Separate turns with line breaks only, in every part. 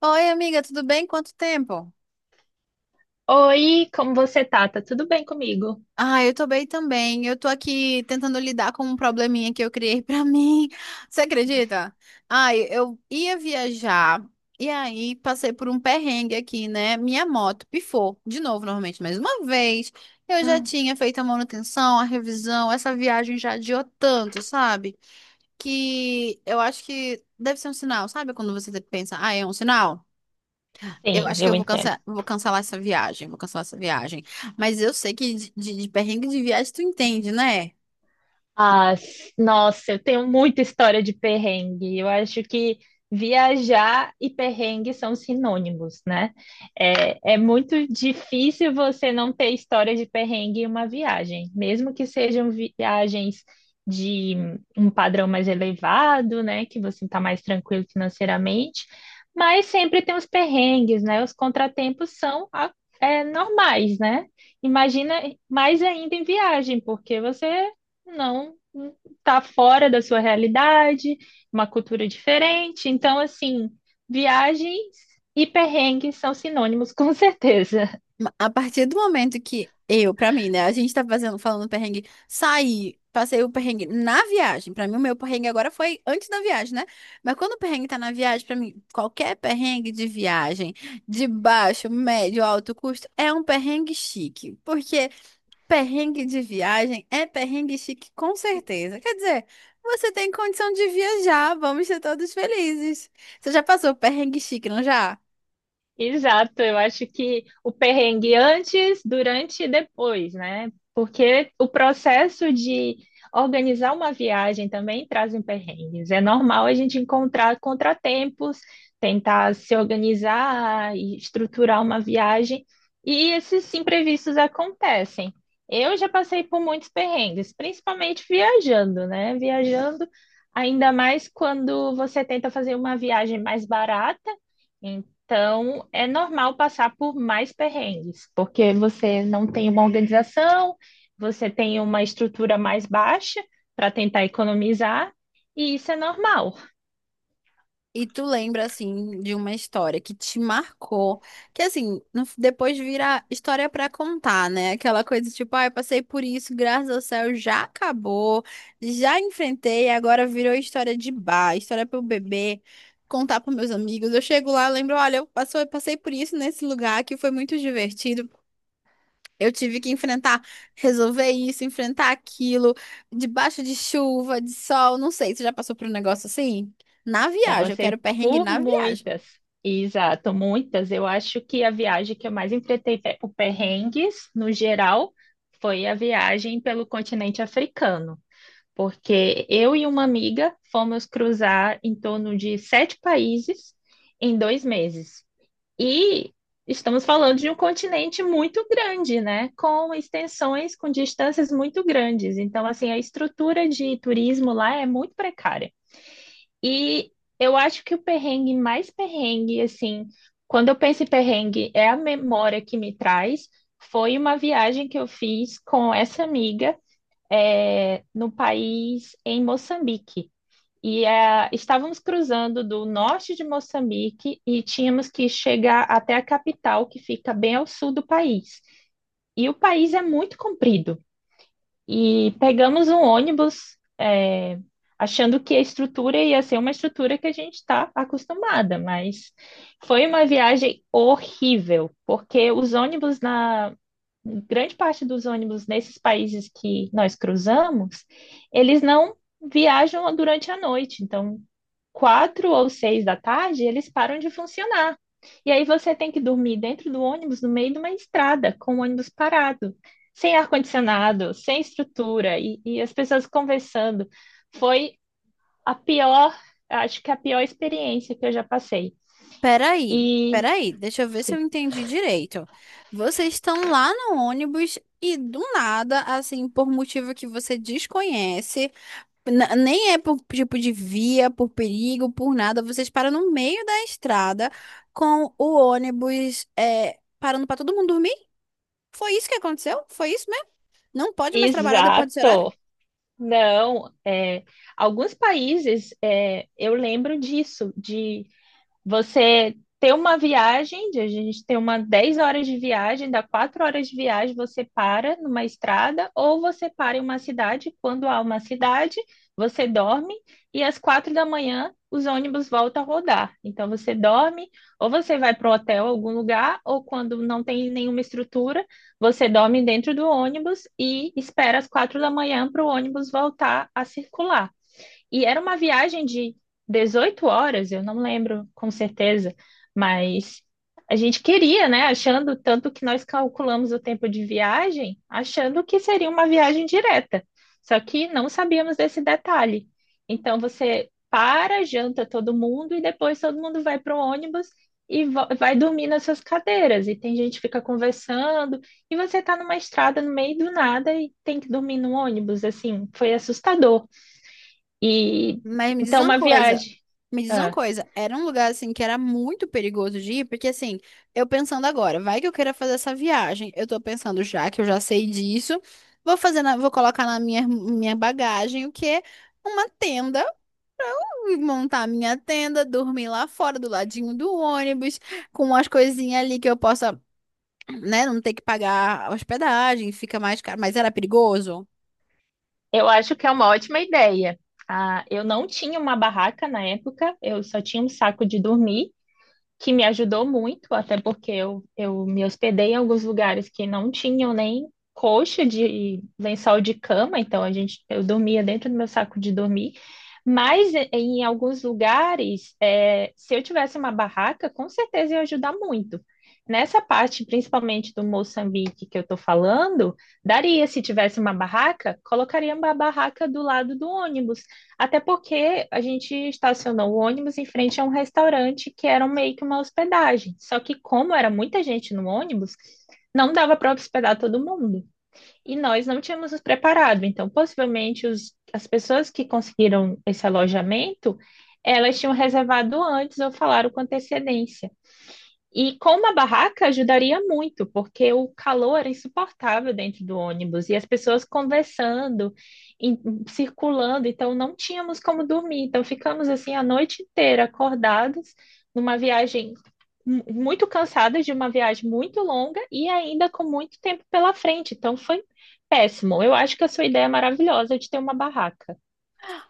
Oi, amiga, tudo bem? Quanto tempo?
Oi, como você tá? Tá tudo bem comigo?
Ah, eu tô bem também. Eu tô aqui tentando lidar com um probleminha que eu criei pra mim. Você acredita? Ai, eu ia viajar e aí passei por um perrengue aqui, né? Minha moto pifou de novo, normalmente, mais uma vez. Eu já
Hum.
tinha feito a manutenção, a revisão, essa viagem já adiou tanto, sabe? Que eu acho que deve ser um sinal, sabe? Quando você pensa, ah, é um sinal. Eu
Sim,
acho que
eu
eu
entendo.
vou cancelar essa viagem, vou cancelar essa viagem. Mas eu sei que de perrengue de viagem tu entende, né?
Ah, nossa, eu tenho muita história de perrengue. Eu acho que viajar e perrengue são sinônimos, né? É muito difícil você não ter história de perrengue em uma viagem, mesmo que sejam viagens de um padrão mais elevado, né? Que você está mais tranquilo financeiramente, mas sempre tem os perrengues, né? Os contratempos são normais, né? Imagina mais ainda em viagem, porque você não tá fora da sua realidade, uma cultura diferente. Então, assim, viagens e perrengues são sinônimos, com certeza.
A partir do momento que eu, pra mim, né, a gente tá fazendo, falando perrengue, saí, passei o perrengue na viagem. Pra mim, o meu perrengue agora foi antes da viagem, né? Mas quando o perrengue tá na viagem, pra mim, qualquer perrengue de viagem, de baixo, médio, alto custo, é um perrengue chique. Porque perrengue de viagem é perrengue chique, com certeza. Quer dizer, você tem condição de viajar, vamos ser todos felizes. Você já passou perrengue chique, não já?
Exato, eu acho que o perrengue antes, durante e depois, né? Porque o processo de organizar uma viagem também traz um perrengues. É normal a gente encontrar contratempos, tentar se organizar e estruturar uma viagem, e esses imprevistos acontecem. Eu já passei por muitos perrengues, principalmente viajando, né? Viajando, ainda mais quando você tenta fazer uma viagem mais barata. Então, é normal passar por mais perrengues, porque você não tem uma organização, você tem uma estrutura mais baixa para tentar economizar, e isso é normal.
E tu lembra, assim, de uma história que te marcou, que, assim, depois vira história pra contar, né? Aquela coisa tipo, ah, eu passei por isso, graças ao céu, já acabou, já enfrentei, agora virou história de bar, história pro bebê, contar pros meus amigos. Eu chego lá, lembro, olha, eu passei por isso nesse lugar que foi muito divertido. Eu tive que enfrentar, resolver isso, enfrentar aquilo, debaixo de chuva, de sol, não sei. Você já passou por um negócio assim? Na
Já
viagem, eu quero
passei
perrengue
por
na viagem.
muitas, exato, muitas. Eu acho que a viagem que eu mais enfrentei por perrengues, no geral, foi a viagem pelo continente africano, porque eu e uma amiga fomos cruzar em torno de sete países em dois meses. E estamos falando de um continente muito grande, né? Com extensões, com distâncias muito grandes. Então, assim, a estrutura de turismo lá é muito precária. E eu acho que o perrengue mais perrengue, assim, quando eu penso em perrengue, é a memória que me traz. Foi uma viagem que eu fiz com essa amiga, no país, em Moçambique. E estávamos cruzando do norte de Moçambique e tínhamos que chegar até a capital, que fica bem ao sul do país. E o país é muito comprido. E pegamos um ônibus, achando que a estrutura ia ser uma estrutura que a gente está acostumada, mas foi uma viagem horrível, porque os ônibus grande parte dos ônibus nesses países que nós cruzamos, eles não viajam durante a noite. Então, quatro ou seis da tarde, eles param de funcionar. E aí você tem que dormir dentro do ônibus, no meio de uma estrada, com o ônibus parado, sem ar-condicionado, sem estrutura, e as pessoas conversando. Foi a pior, acho que a pior experiência que eu já passei.
Peraí,
E,
peraí, deixa eu ver se eu
sim,
entendi direito. Vocês estão lá no ônibus e do nada, assim, por motivo que você desconhece, nem é por tipo de via, por perigo, por nada, vocês param no meio da estrada com o ônibus, é, parando para todo mundo dormir. Foi isso que aconteceu? Foi isso mesmo? Não pode mais trabalhar depois desse horário?
exato. Não, alguns países eu lembro disso, de você ter uma viagem, de a gente ter uma 10 horas de viagem, dá 4 horas de viagem, você para numa estrada, ou você para em uma cidade, quando há uma cidade, você dorme, e às 4 da manhã os ônibus voltam a rodar. Então você dorme, ou você vai para o hotel, algum lugar, ou quando não tem nenhuma estrutura, você dorme dentro do ônibus e espera às 4 da manhã para o ônibus voltar a circular. E era uma viagem de 18 horas, eu não lembro com certeza, mas a gente queria, né? Achando tanto que nós calculamos o tempo de viagem, achando que seria uma viagem direta. Só que não sabíamos desse detalhe. Então você para, janta todo mundo e depois todo mundo vai para o ônibus e vai dormir nas suas cadeiras. E tem gente que fica conversando e você está numa estrada no meio do nada e tem que dormir no ônibus. Assim, foi assustador. E
Mas me diz
então
uma
uma
coisa.
viagem.
Me diz uma
Ah,
coisa. Era um lugar assim que era muito perigoso de ir, porque assim, eu pensando agora, vai que eu queira fazer essa viagem. Eu tô pensando já que eu já sei disso. Vou fazer vou colocar na minha bagagem o quê? Uma tenda, montar a minha tenda, dormir lá fora do ladinho do ônibus, com umas coisinhas ali que eu possa, né, não ter que pagar a hospedagem, fica mais caro, mas era perigoso.
eu acho que é uma ótima ideia. Ah, eu não tinha uma barraca na época, eu só tinha um saco de dormir, que me ajudou muito, até porque eu me hospedei em alguns lugares que não tinham nem coxa de lençol de cama, então a gente, eu dormia dentro do meu saco de dormir. Mas em alguns lugares, se eu tivesse uma barraca, com certeza ia ajudar muito. Nessa parte, principalmente do Moçambique que eu estou falando, daria se tivesse uma barraca, colocaria uma barraca do lado do ônibus, até porque a gente estacionou o ônibus em frente a um restaurante que era meio que uma hospedagem. Só que, como era muita gente no ônibus, não dava para hospedar todo mundo. E nós não tínhamos nos preparado. Então, possivelmente, as pessoas que conseguiram esse alojamento, elas tinham reservado antes ou falaram com antecedência. E com uma barraca ajudaria muito, porque o calor era insuportável dentro do ônibus e as pessoas conversando, em- circulando, então não tínhamos como dormir. Então ficamos assim a noite inteira acordados numa viagem muito cansadas de uma viagem muito longa e ainda com muito tempo pela frente. Então foi péssimo. Eu acho que a sua ideia é maravilhosa de ter uma barraca.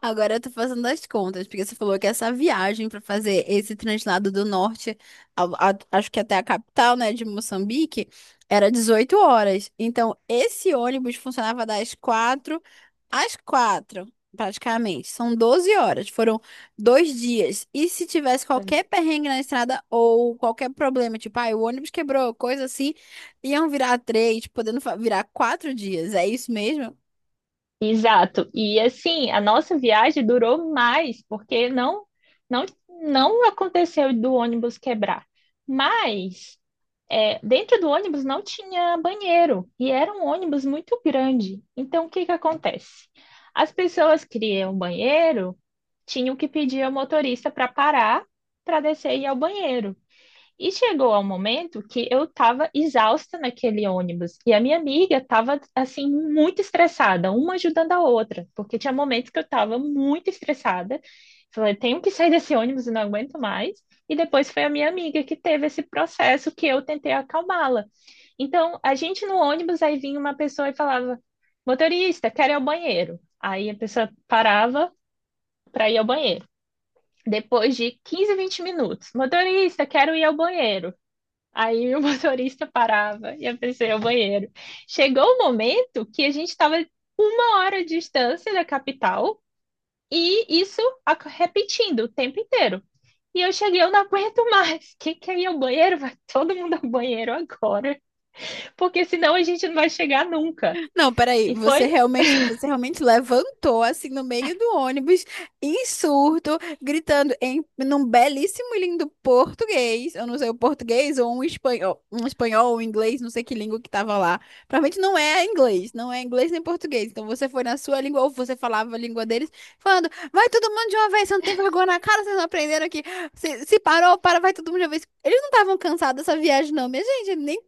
Agora eu tô fazendo as contas, porque você falou que essa viagem para fazer esse translado do norte, acho que até a capital, né, de Moçambique, era 18 horas. Então, esse ônibus funcionava das 4 às 4, praticamente. São 12 horas, foram dois dias. E se tivesse qualquer perrengue na estrada ou qualquer problema, tipo, ah, o ônibus quebrou, coisa assim, iam virar três, podendo virar quatro dias. É isso mesmo?
Exato. E assim, a nossa viagem durou mais, porque não não aconteceu do ônibus quebrar. Mas dentro do ônibus não tinha banheiro e era um ônibus muito grande. Então, o que que acontece? As pessoas criam banheiro, tinham que pedir ao motorista para parar para descer e ir ao banheiro. E chegou ao momento que eu estava exausta naquele ônibus e a minha amiga estava assim muito estressada, uma ajudando a outra, porque tinha momentos que eu estava muito estressada. Falei, tenho que sair desse ônibus, eu não aguento mais. E depois foi a minha amiga que teve esse processo que eu tentei acalmá-la. Então, a gente no ônibus, aí vinha uma pessoa e falava: motorista, quero ir ao banheiro. Aí a pessoa parava para ir ao banheiro. Depois de 15, 20 minutos, motorista, quero ir ao banheiro. Aí o motorista parava e a pessoa ia ao banheiro. Chegou o momento que a gente estava uma hora de distância da capital e isso repetindo o tempo inteiro. E eu cheguei, eu não aguento mais. Quem quer ir ao banheiro? Vai todo mundo ao banheiro agora, porque senão a gente não vai chegar nunca.
Não, peraí,
E foi
você realmente levantou assim no meio do ônibus, em surto, gritando em num belíssimo e lindo português, eu não sei o português ou um espanhol ou um inglês, não sei que língua que tava lá. Provavelmente não é inglês, não é inglês nem português. Então você foi na sua língua ou você falava a língua deles, falando: "Vai todo mundo de uma vez, você não tem vergonha na cara, vocês não aprenderam aqui. Se parou, para, vai todo mundo de uma vez". Eles não estavam cansados dessa viagem não, minha gente, nem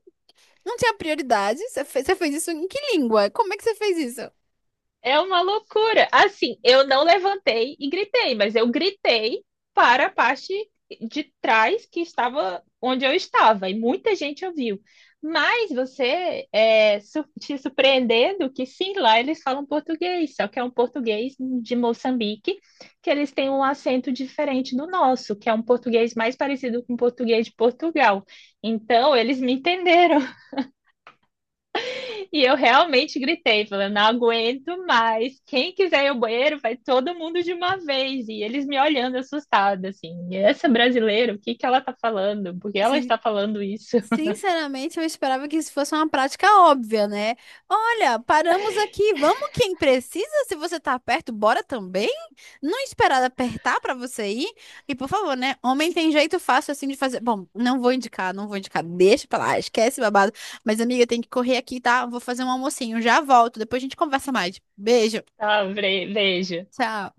não tinha prioridade? Você fez isso em que língua? Como é que você fez isso?
É uma loucura. Assim, eu não levantei e gritei, mas eu gritei para a parte de trás que estava onde eu estava, e muita gente ouviu. Mas você te surpreendendo que sim, lá eles falam português, só que é um português de Moçambique, que eles têm um acento diferente do nosso, que é um português mais parecido com o português de Portugal. Então, eles me entenderam. E eu realmente gritei, falando, não aguento mais. Quem quiser ir ao banheiro, vai todo mundo de uma vez. E eles me olhando assustada, assim. Essa brasileira, o que que ela tá falando? Por que ela
Assim,
está falando isso?
sinceramente, eu esperava que isso fosse uma prática óbvia, né? Olha, paramos aqui, vamos quem precisa. Se você tá perto, bora também. Não esperar apertar pra você ir. E por favor, né? Homem tem jeito fácil assim de fazer. Bom, não vou indicar, não vou indicar. Deixa pra lá, esquece babado. Mas amiga, tem que correr aqui, tá? Vou fazer um almocinho, já volto. Depois a gente conversa mais. Beijo.
Ah, veja.
Tchau.